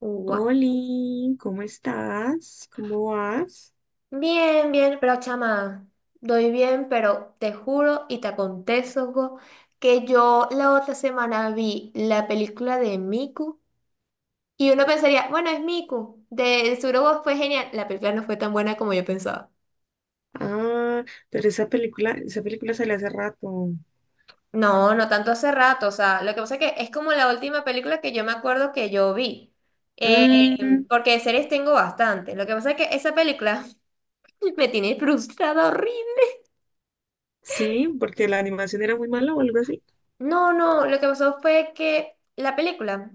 Gua- Oli, ¿cómo estás? ¿Cómo vas? Bien, bien, pero chama, doy bien, pero te juro y te acontezo que yo la otra semana vi la película de Miku y uno pensaría, bueno, es Miku, de seguro go fue genial. La película no fue tan buena como yo pensaba. Ah, pero esa película salió hace rato. No, no tanto hace rato, o sea, lo que pasa es que es como la última película que yo me acuerdo que yo vi, Eh, Mm, porque de series tengo bastante. Lo que pasa es que esa película me tiene frustrada horrible. sí, porque la animación era muy mala o algo así. No, no, lo que pasó fue que la película.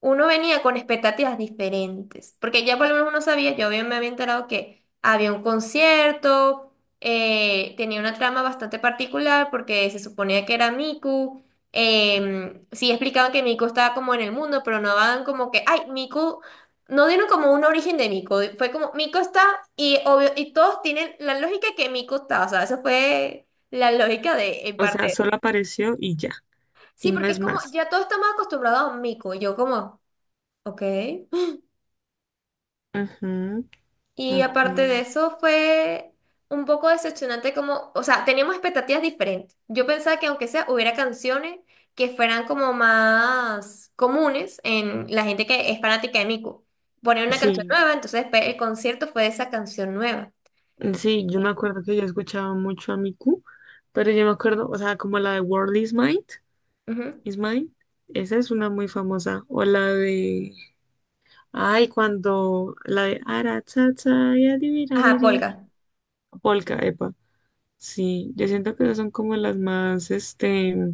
Uno venía con expectativas diferentes, porque ya por lo menos uno sabía, yo bien me había enterado que había un concierto, tenía una trama bastante particular porque se suponía que era Miku, sí explicaban que Miku estaba como en el mundo, pero no daban como que, ay, Miku, no dieron como un origen de Miku, fue como Miku está y obvio, y todos tienen la lógica que Miku está, o sea, eso fue la lógica de en O parte sea, de eso. solo apareció y ya, Sí, y no porque es es como, más. ya todos estamos acostumbrados a Miku, y yo como, ok. Ujú, Y ok. aparte de eso fue un poco decepcionante como, o sea, teníamos expectativas diferentes. Yo pensaba que aunque sea hubiera canciones que fueran como más comunes en la gente que es fanática de Miku. Poner una canción Sí, nueva, entonces después el concierto fue de esa canción nueva. sí, yo me acuerdo que yo escuchaba mucho a Miku, pero yo me acuerdo, o sea, como la de World Ujú. is Mine, esa es una muy famosa, o la de ay, cuando la de ara, cha, cha, y Ajá, adivinariri, Polka. Polka, epa. Sí, yo siento que esas son como las más,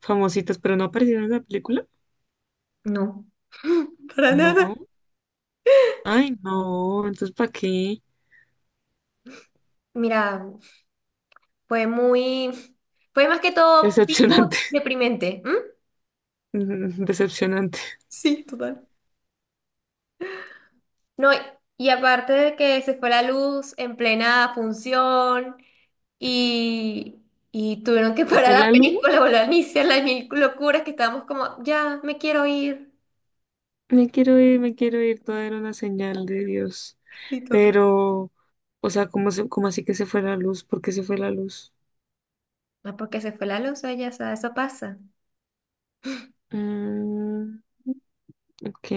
famositas, pero no aparecieron en la película. No, para nada. No. Ay, no, entonces ¿para qué? Mira, fue muy, fue más que todo pico Decepcionante. deprimente. ¿M? Mm, decepcionante. Sí, total. No, y aparte de que se fue la luz en plena función y, y tuvieron que ¿Se parar fue la la luz? película, volver a iniciar las mil locuras que estábamos como, ya, me quiero ir. Me quiero ir, todo era una señal de Dios. Sí, total. Pero, o sea, ¿cómo, cómo así que se fue la luz? ¿Por qué se fue la luz? Ah, porque se fue la luz, ella, o sea, eso pasa. Mm, ok,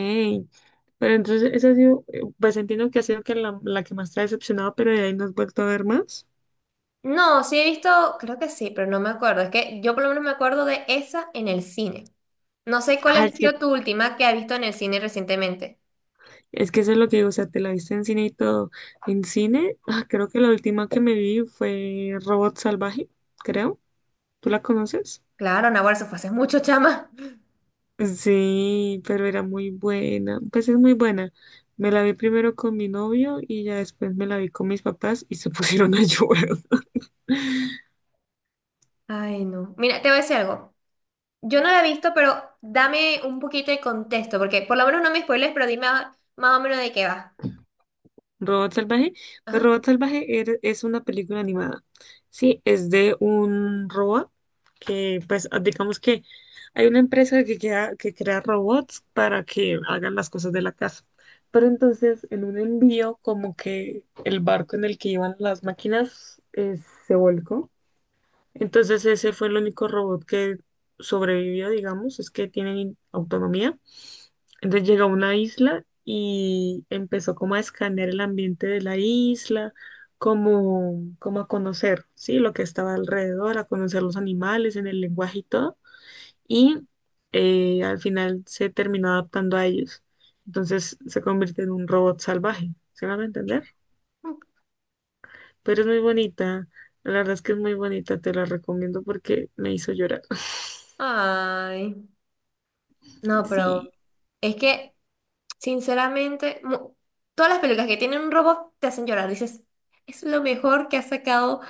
pero entonces esa ha sido, pues entiendo que ha sido que la que más te ha decepcionado, pero de ahí no has vuelto a ver más. No, sí he visto, creo que sí, pero no me acuerdo. Es que yo por lo menos me acuerdo de esa en el cine. No sé cuál ha Ah, sido tu última que has visto en el cine recientemente. es que eso es lo que digo, o sea, te la viste en cine y todo. En cine, ah, creo que la última que me vi fue Robot Salvaje, creo. ¿Tú la conoces? Claro, Nahuatl, eso fue hace mucho, chama. Sí, pero era muy buena, pues es muy buena. Me la vi primero con mi novio y ya después me la vi con mis papás y se pusieron a llorar. Ay, no. Mira, te voy a decir algo. Yo no la he visto, pero dame un poquito de contexto, porque por lo menos no me spoiles, pero dime más o menos de qué va. Robot Salvaje. Pues Ajá. Robot Salvaje es una película animada. Sí, es de un robot que, pues, ah, digamos que hay una empresa que crea robots para que hagan las cosas de la casa. Pero entonces, en un envío, como que el barco en el que iban las máquinas se volcó. Entonces ese fue el único robot que sobrevivió, digamos, es que tienen autonomía. Entonces llegó a una isla y empezó como a escanear el ambiente de la isla, como a conocer, ¿sí? Lo que estaba alrededor, a conocer los animales en el lenguaje y todo. Y al final se terminó adaptando a ellos. Entonces se convierte en un robot salvaje, ¿se van a entender? Pero es muy bonita. La verdad es que es muy bonita, te la recomiendo porque me hizo llorar. Ay, no, Sí. pero es que, sinceramente, todas las películas que tienen un robot te hacen llorar. Dices, es lo mejor que ha sacado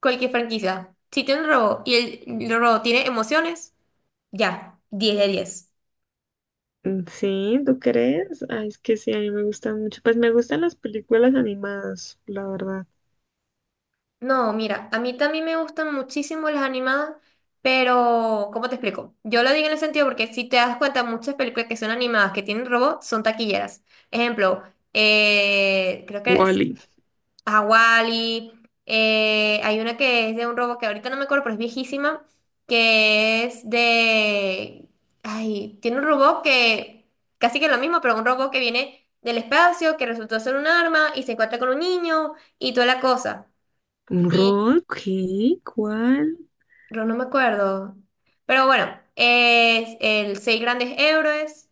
cualquier franquicia. Si tiene un robot y el robot tiene emociones, ya, 10 de 10. Sí, ¿tú crees? Ay, es que sí, a mí me gustan mucho. Pues me gustan las películas animadas, la verdad. No, mira, a mí también me gustan muchísimo las animadas, pero ¿cómo te explico? Yo lo digo en el sentido porque si te das cuenta, muchas películas que son animadas, que tienen robots, son taquilleras. Ejemplo, creo que es Wally. Hawali, hay una que es de un robot que ahorita no me acuerdo, pero es viejísima, que es de... Ay, tiene un robot que casi que es lo mismo, pero un robot que viene del espacio, que resultó ser un arma y se encuentra con un niño y toda la cosa. ¿Un rock? ¿Qué? ¿Cuál? Pero no me acuerdo. Pero bueno, es el Seis Grandes Héroes,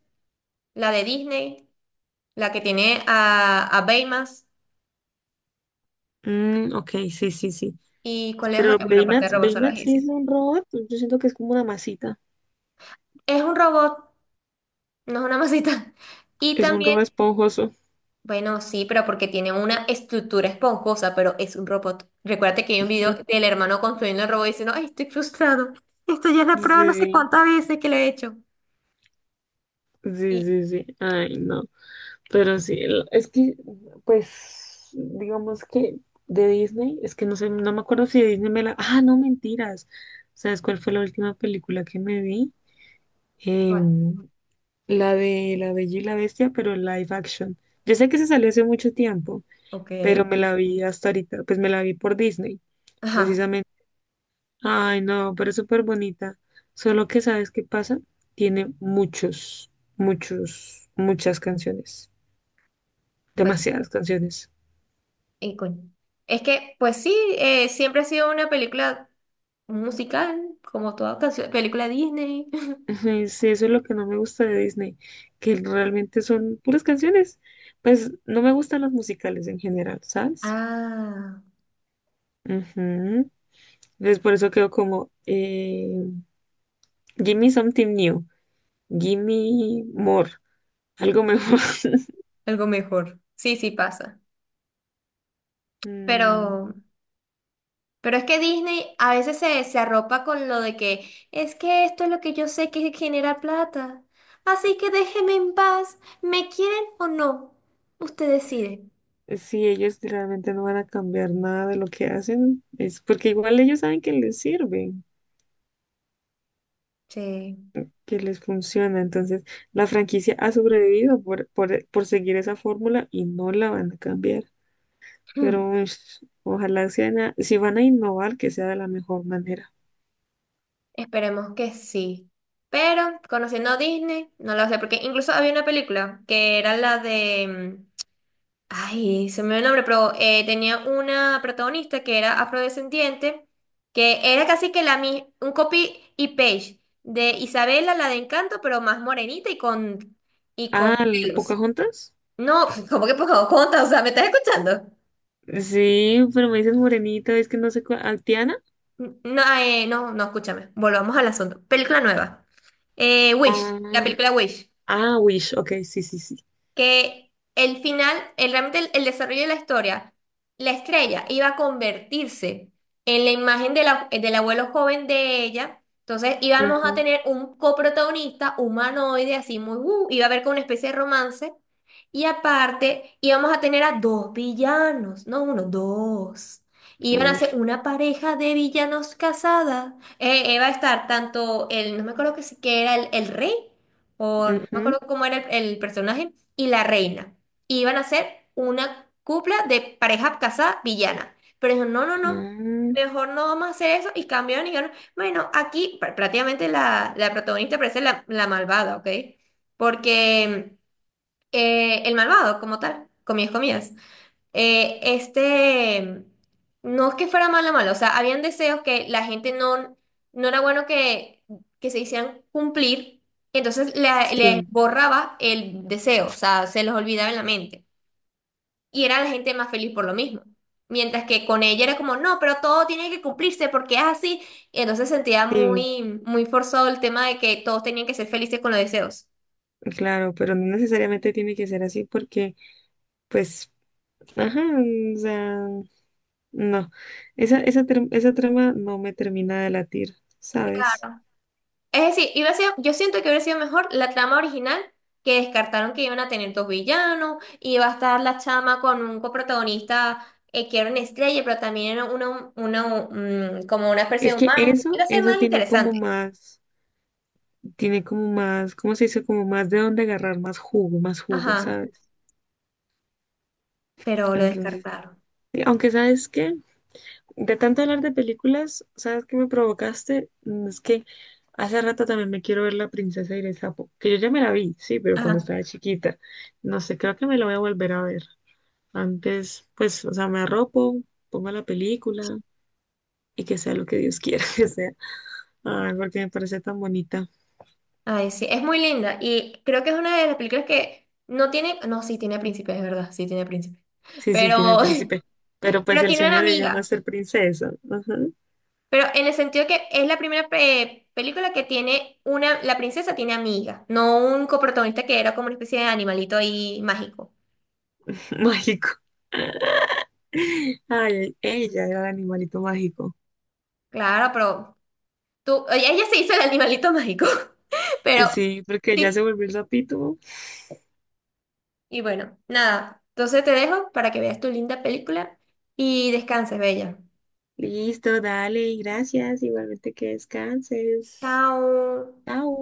la de Disney, la que tiene a Baymax. Mm, ok, sí, sí, sí. ¿Y cuál es Pero otra? Bueno, aparte de Baymax, Robot Baymax Salvaje, sí es sí. un robot. Yo siento que es como una masita. Es un robot, no es una masita. Y Es un también, robot esponjoso. bueno, sí, pero porque tiene una estructura esponjosa, pero es un robot. Recuérdate que hay un video del hermano construyendo el robot diciendo, ay, estoy frustrado. Esto ya es la prueba no sé Sí, cuántas veces que lo he hecho. Y, sí, sí, sí. Ay, no. Pero sí, es que, pues, digamos que de Disney, es que no sé, no me acuerdo si de Disney me la... Ah, no, mentiras. ¿Sabes cuál fue la última película que me vi? bueno, Em, la de La Bella y la Bestia, pero live action. Yo sé que se salió hace mucho tiempo, ok. pero me la vi hasta ahorita, pues me la vi por Disney, Ajá, precisamente. Ay, no, pero es súper bonita. Solo que, ¿sabes qué pasa? Tiene muchos, muchas canciones, pues. demasiadas canciones. Y coño. Es que, pues sí, siempre ha sido una película musical, como toda canción, película Disney. Ajá, sí, eso es lo que no me gusta de Disney, que realmente son puras canciones. Pues no me gustan los musicales en general, ¿sabes? Ah, Ujú. Entonces por eso quedo como, give me something new, give me more, algo mejor. algo mejor. Sí, sí pasa. Mm, Pero, pero es que Disney a veces se, se arropa con lo de que es que esto es lo que yo sé que genera plata. Así que déjeme en paz. ¿Me quieren o no? Usted decide. sí, ellos realmente no van a cambiar nada de lo que hacen, es porque igual ellos saben que les sirve, Sí. que les funciona. Entonces la franquicia ha sobrevivido por seguir esa fórmula y no la van a cambiar. Pero ush, ojalá si van a innovar, que sea de la mejor manera. Esperemos que sí. Pero conociendo a Disney, no lo sé, porque incluso había una película que era la de... mm, ay, se me olvidó el nombre, pero tenía una protagonista que era afrodescendiente, que era casi que la un copy y page de Isabela, la de Encanto, pero más morenita y con Ah, ¿la pelos. ¿Pocahontas? No, como que por favor, conta, o sea, ¿me estás escuchando? Sí, pero me dices morenita, es que no sé cuál. ¿Ah, Tiana? No, no, no, escúchame. Volvamos al asunto. Película nueva. Wish, la Ah, película Wish. ah, Wish, ok, sí, sí, sí. Que el final, el, realmente el desarrollo de la historia, la estrella iba a convertirse en la imagen de del abuelo joven de ella. Entonces íbamos a Ujú, tener un coprotagonista humanoide, así muy, iba a haber como una especie de romance. Y aparte íbamos a tener a dos villanos, no uno, dos. Iban a ser Wish. una pareja de villanos casada. Iba a estar tanto el, no me acuerdo que, que era el rey. O no me Ujú, acuerdo cómo era el personaje, y la reina. Y iban a ser una cupla de pareja casada villana. Pero dijo, no, no, no, ah, mejor no vamos a hacer eso. Y cambiaron y dijeron, bueno, aquí prácticamente la, la protagonista parece la, la malvada, ¿ok? Porque el malvado, como tal, comías, comías eh, este, no es que fuera malo o malo, o sea, habían deseos que la gente no, no era bueno que se hicieran cumplir, entonces les sí, borraba el deseo, o sea, se los olvidaba en la mente. Y era la gente más feliz por lo mismo. Mientras que con ella era como, no, pero todo tiene que cumplirse porque es así. Y entonces sentía sí, muy, muy forzado el tema de que todos tenían que ser felices con los deseos. claro, pero no necesariamente tiene que ser así porque, pues, ajá, o sea, no. Esa trama no me termina de latir, ¿sabes? Claro, es decir, iba a ser, yo siento que hubiera sido mejor la trama original, que descartaron que iban a tener dos villanos, iba a estar la chama con un coprotagonista que era una estrella, pero también era una, como una especie Es de que humano. Iba a ser eso más tiene como interesante. más. Tiene como más, ¿cómo se dice? Como más de dónde agarrar, más jugo, Ajá, ¿sabes? pero lo Entonces, descartaron. y aunque sabes que de tanto hablar de películas, ¿sabes qué me provocaste? Mm, es que hace rato también me quiero ver La princesa y el sapo, que yo ya me la vi, sí, pero cuando Ajá, estaba chiquita, no sé, creo que me la voy a volver a ver. Antes, pues, o sea, me arropo, pongo la película y que sea lo que Dios quiera que sea. Ay, porque me parece tan bonita. ay, sí, es muy linda y creo que es una de las películas que no tiene, no, sí tiene príncipe, es verdad, sí tiene príncipe, Sí, sí, tiene pero, príncipe. Pero pues pero el tiene una sueño de ella no es amiga. ser princesa. Ajá. Pero en el sentido que es la primera película que tiene una, la princesa tiene amiga, no un coprotagonista que era como una especie de animalito ahí mágico. Mágico. Ay, ella era el animalito mágico. Claro, pero tú, ella se hizo el animalito mágico, pero Sí, porque ya se sí, volvió el sapito. y bueno, nada, entonces te dejo para que veas tu linda película y descanses, bella. Listo, dale, gracias. Igualmente que descanses. Chao. Chao.